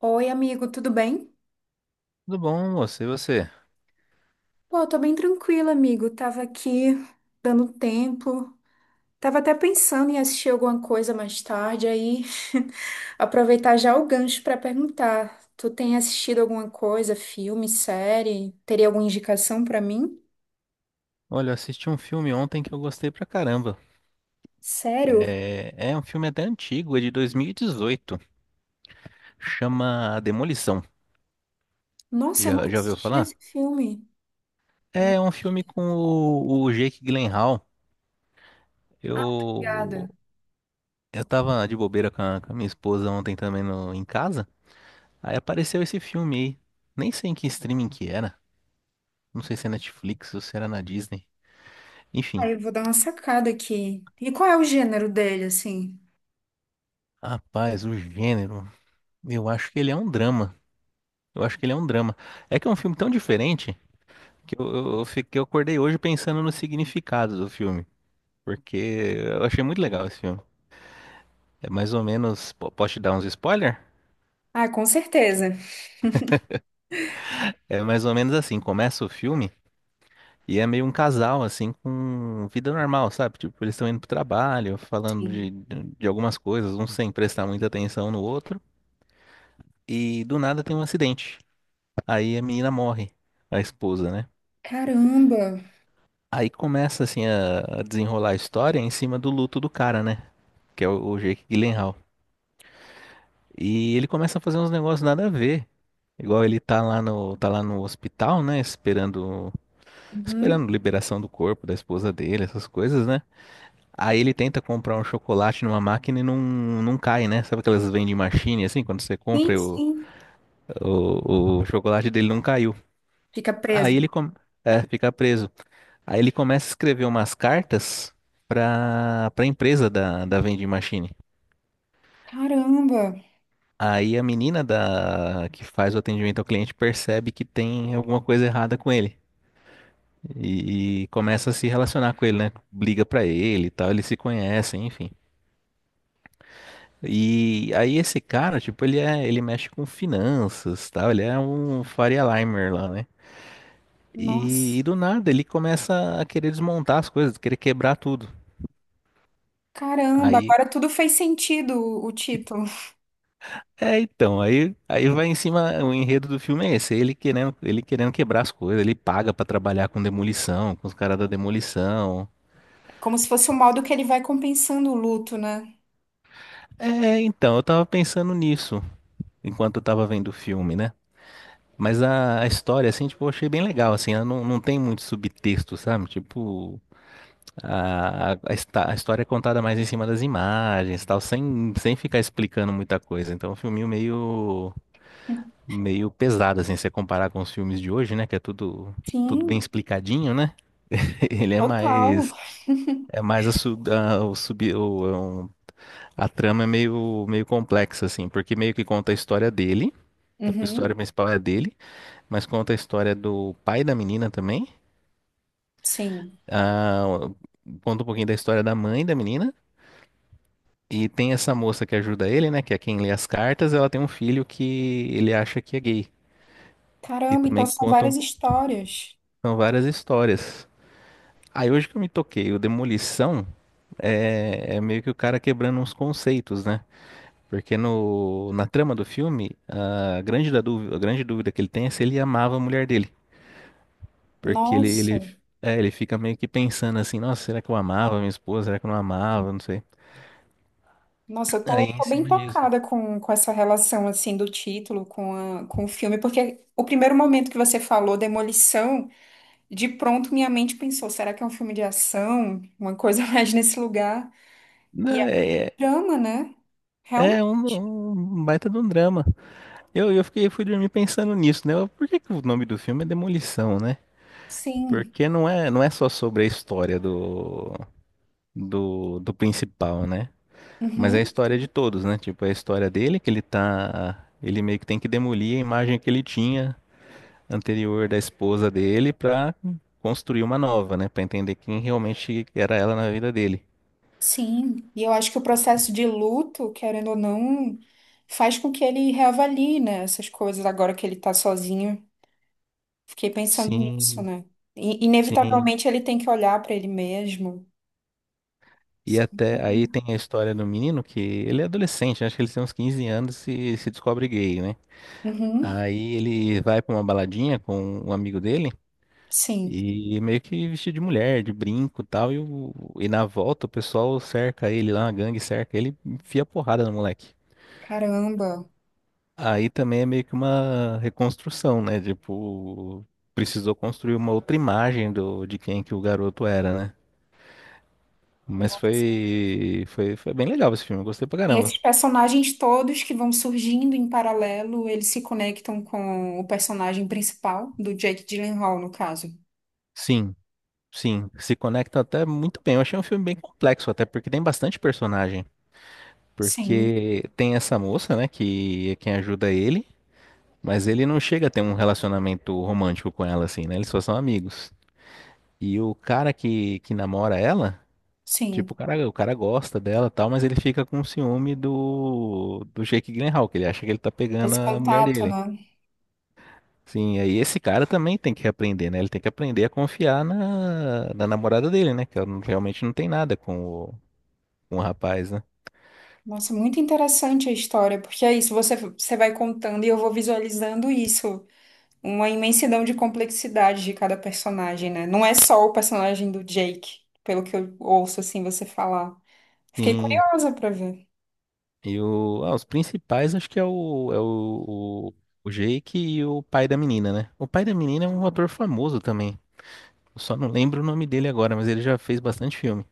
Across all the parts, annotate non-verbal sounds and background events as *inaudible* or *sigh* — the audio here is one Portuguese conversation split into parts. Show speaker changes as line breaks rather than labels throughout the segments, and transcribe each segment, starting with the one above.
Oi, amigo, tudo bem?
Tudo bom, moço? E você?
Pô, eu tô bem tranquila, amigo. Tava aqui dando tempo. Tava até pensando em assistir alguma coisa mais tarde, aí *laughs* aproveitar já o gancho pra perguntar. Tu tem assistido alguma coisa, filme, série? Teria alguma indicação pra mim?
Olha, eu assisti um filme ontem que eu gostei pra caramba.
Sério?
É um filme até antigo, é de 2018. Chama Demolição.
Nossa, eu
Já,
nunca
já ouviu
assisti
falar?
esse filme. Não
É um filme
assisti.
com o Jake Gyllenhaal.
Ah,
Eu,
obrigada.
eu tava de bobeira com com a minha esposa ontem também no, em casa. Aí apareceu esse filme aí. Nem sei em que streaming que era. Não sei se é Netflix ou se era na Disney. Enfim,
Aí eu vou dar uma sacada aqui. E qual é o gênero dele, assim?
rapaz, o gênero. Eu acho que ele é um drama. Eu acho que ele é um drama. É que é um filme tão diferente que eu fiquei, eu acordei hoje pensando no significado do filme, porque eu achei muito legal esse filme. É mais ou menos, posso te dar uns spoiler?
Ah, com certeza.
É mais ou menos assim, começa o filme e é meio um casal assim com vida normal, sabe? Tipo, eles estão indo pro trabalho, falando
Sim.
de algumas coisas, um sem prestar muita atenção no outro, e do nada tem um acidente. Aí a menina morre, a esposa, né?
Caramba.
Aí começa assim a desenrolar a história em cima do luto do cara, né? Que é o Jake Gyllenhaal. E ele começa a fazer uns negócios nada a ver. Igual ele tá lá no hospital, né? Esperando,
Uhum.
esperando liberação do corpo da esposa dele, essas coisas, né? Aí ele tenta comprar um chocolate numa máquina e não cai, né? Sabe aquelas vending machine, assim, quando você
Sim,
compra
sim.
o chocolate dele não caiu.
Fica
Aí ele
preso.
com- É, fica preso. Aí ele começa a escrever umas cartas pra empresa da vending machine.
Caramba.
Aí a menina da que faz o atendimento ao cliente percebe que tem alguma coisa errada com ele e começa a se relacionar com ele, né? Liga pra ele e tal, eles se conhecem, enfim. E aí esse cara, tipo, ele mexe com finanças, tal, ele é um Faria Limer lá, né?
Nossa.
E do nada ele começa a querer desmontar as coisas, querer quebrar tudo.
Caramba,
Aí
agora tudo fez sentido o título.
é, então, aí vai em cima, o enredo do filme é esse, ele querendo quebrar as coisas, ele paga pra trabalhar com demolição, com os caras da demolição.
Como se fosse o modo que ele vai compensando o luto, né?
É, então, eu tava pensando nisso enquanto eu tava vendo o filme, né? Mas a história, assim, tipo, eu achei bem legal, assim, ela não tem muito subtexto, sabe? Tipo, a história é contada mais em cima das imagens, tal, sem, sem ficar explicando muita coisa. Então, é um filminho meio meio pesado, assim, se você comparar com os filmes de hoje, né? Que é tudo, tudo bem
Sim,
explicadinho, né? *laughs* Ele é
total.
mais. É mais a, su- a- o sub, o- é um- a trama é meio, meio complexa, assim, porque meio que conta a história dele, a história
Uhum,
principal é dele, mas conta a história do pai da menina também,
sim.
ah, conta um pouquinho da história da mãe da menina, e tem essa moça que ajuda ele, né, que é quem lê as cartas, ela tem um filho que ele acha que é gay, e
Caramba, então
também
são várias
contam
histórias.
são várias histórias. Aí hoje que eu me toquei, o Demolição é meio que o cara quebrando uns conceitos, né? Porque no, na trama do filme, da dúvida, a grande dúvida que ele tem é se ele amava a mulher dele. Porque
Nossa,
ele fica meio que pensando assim, nossa, será que eu amava minha esposa? Será que eu não amava? Não sei.
nossa, eu
Aí
tô,
em
tô bem
cima disso.
tocada com essa relação, assim, do título com, com o filme, porque o primeiro momento que você falou, Demolição, de pronto, minha mente pensou: será que é um filme de ação? Uma coisa *laughs* mais nesse lugar? E é um
Né, é
drama, né? Realmente.
é um, um baita de um drama. Eu fiquei, eu fui dormir pensando nisso, né? Por que que o nome do filme é Demolição, né?
Sim.
Porque não é só sobre a história do principal, né? Mas é a
Uhum.
história de todos, né? Tipo, é a história dele que ele tá. Ele meio que tem que demolir a imagem que ele tinha anterior da esposa dele pra construir uma nova, né? Pra entender quem realmente era ela na vida dele.
Sim. E eu acho que o processo de luto, querendo ou não, faz com que ele reavalie, né, essas coisas agora que ele tá sozinho. Fiquei pensando nisso,
Sim,
né? E
sim.
inevitavelmente ele tem que olhar pra ele mesmo.
E
Sim,
até aí
então,
tem a história do menino que ele é adolescente, né? Acho que ele tem uns 15 anos e se descobre gay, né?
uhum,
Aí ele vai pra uma baladinha com um amigo dele.
sim.
E meio que vestido de mulher, de brinco e tal. E na volta o pessoal cerca ele lá, a gangue cerca ele, enfia porrada no moleque.
Caramba.
Aí também é meio que uma reconstrução, né? Tipo, precisou construir uma outra imagem de quem que o garoto era, né? Mas
Nossa.
foi bem legal esse filme, eu gostei pra
E
caramba.
esses personagens todos que vão surgindo em paralelo, eles se conectam com o personagem principal, do Jake Gyllenhaal, no caso.
Sim, sim, se conecta até muito bem. Eu achei um filme bem complexo, até porque tem bastante personagem.
Sim,
Porque tem essa moça, né, que é quem ajuda ele. Mas ele não chega a ter um relacionamento romântico com ela, assim, né? Eles só são amigos. E o cara que namora ela, tipo,
sim.
o cara gosta dela e tal, mas ele fica com ciúme do Jake Gyllenhaal, que ele acha que ele tá pegando
Esse
a mulher
contato,
dele.
né?
Sim, aí esse cara também tem que aprender, né? Ele tem que aprender a confiar na namorada dele, né? Que ela não- realmente não tem nada com com o rapaz, né?
Nossa, muito interessante a história, porque é isso, você, você vai contando e eu vou visualizando isso. Uma imensidão de complexidade de cada personagem, né? Não é só o personagem do Jake, pelo que eu ouço, assim, você falar. Fiquei
Sim.
curiosa pra ver.
E o, ah, os principais acho que o Jake e o pai da menina, né? O pai da menina é um ator famoso também. Eu só não lembro o nome dele agora, mas ele já fez bastante filme.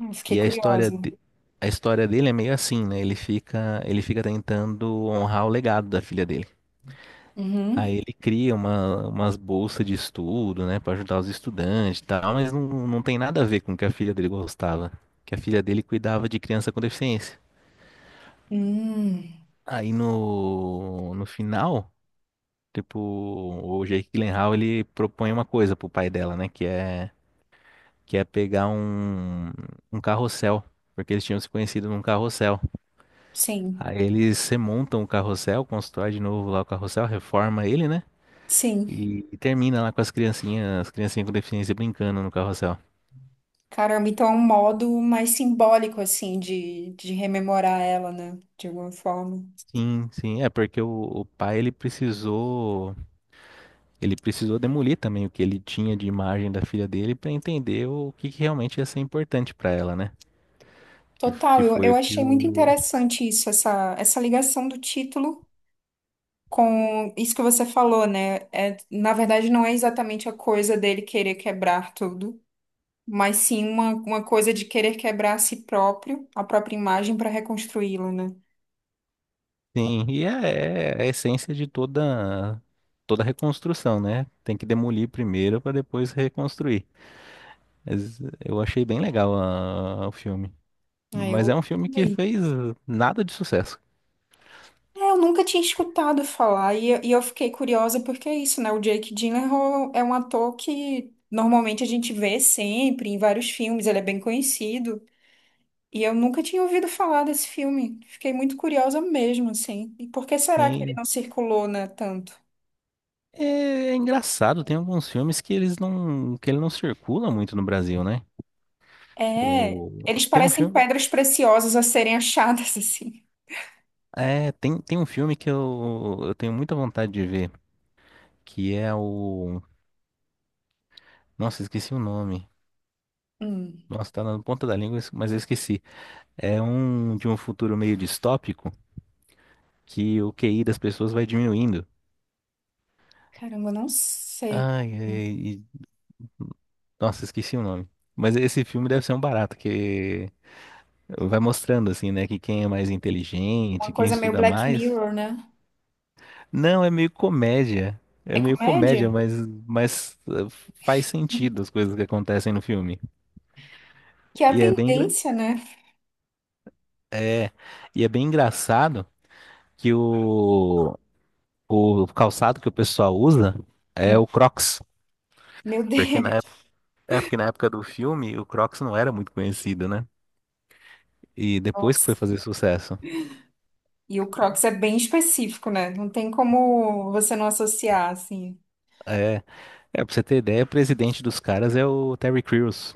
Eu fiquei
E
curiosa.
a história dele é meio assim, né? Ele fica tentando honrar o legado da filha dele.
Uhum.
Aí ele cria uma, umas bolsas de estudo, né, pra ajudar os estudantes e tal, mas não tem nada a ver com o que a filha dele gostava, que a filha dele cuidava de criança com deficiência.
Hum,
Aí no final tipo, o Jake Gyllenhaal, ele propõe uma coisa pro pai dela, né? Que é pegar um carrossel. Porque eles tinham se conhecido num carrossel.
sim.
Aí eles remontam o carrossel, constrói de novo lá o carrossel, reforma ele, né?
Sim.
E termina lá com as criancinhas com deficiência brincando no carrossel.
Caramba, então é um modo mais simbólico, assim, de rememorar ela, né? De alguma forma.
Sim, sim, é porque o pai ele precisou demolir também o que ele tinha de imagem da filha dele para entender que realmente ia ser importante para ela, né? Que, f-
Total,
que foi
eu
o que
achei muito
o,
interessante isso, essa ligação do título com isso que você falou, né? É, na verdade, não é exatamente a coisa dele querer quebrar tudo, mas sim uma coisa de querer quebrar a si próprio, a própria imagem, para reconstruí-la, né?
Sim, e é a essência de toda toda reconstrução, né? Tem que demolir primeiro para depois reconstruir. Mas eu achei bem legal o filme.
Aí
Mas é
eu
um filme que
amei.
fez nada de sucesso.
É, eu nunca tinha escutado falar, e eu fiquei curiosa porque é isso, né? O Jake Gyllenhaal é um ator que normalmente a gente vê sempre em vários filmes, ele é bem conhecido. E eu nunca tinha ouvido falar desse filme. Fiquei muito curiosa mesmo, assim. E por que será que ele
E
não circulou, né, tanto?
é, É engraçado, tem alguns filmes que eles não que ele não circula muito no Brasil, né?
É,
O,
eles
tem um
parecem
filme,
pedras preciosas a serem *laughs* achadas, assim.
é, tem, Tem um filme que eu tenho muita vontade de ver, que nossa, esqueci o nome.
Hum,
Nossa, tá na ponta da língua, mas eu esqueci. É um de um futuro meio distópico que o QI das pessoas vai diminuindo.
caramba, eu não sei.
Ai, ai, e- Nossa, esqueci o nome. Mas esse filme deve ser um barato, que vai mostrando assim, né, que quem é mais
Uma
inteligente, quem
coisa meio
estuda
Black
mais.
Mirror, né?
Não, é meio comédia.
É
É meio comédia,
comédia?
mas faz sentido as coisas que acontecem no filme.
Que é a
E é
tendência, né?
é, e é bem engraçado que o calçado que o pessoal usa é o Crocs.
Meu
Porque na
Deus,
É porque na época do filme o Crocs não era muito conhecido, né? E
*laughs*
depois que foi
nossa.
fazer sucesso.
E o Crocs é bem específico, né? Não tem como você não associar, assim.
É, é pra você ter ideia, o presidente dos caras é o Terry Crews,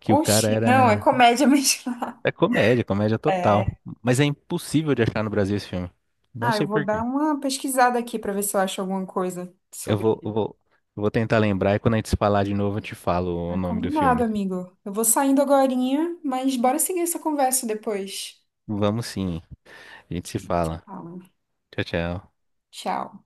que o cara
Oxi, não, é
era.
comédia mesmo. *laughs*
É comédia, comédia total.
É.
Mas é impossível de achar no Brasil esse filme. Não
Ah, eu
sei
vou
por
dar
quê.
uma pesquisada aqui pra ver se eu acho alguma coisa
Eu
sobre
vou, eu
ele.
vou, eu vou tentar lembrar e quando a gente se falar de novo eu te falo o
Ah,
nome do
combinado,
filme.
amigo. Eu vou saindo agorinha, mas bora seguir essa conversa depois.
Vamos sim, a gente se fala.
Fala.
Tchau, tchau.
Tchau.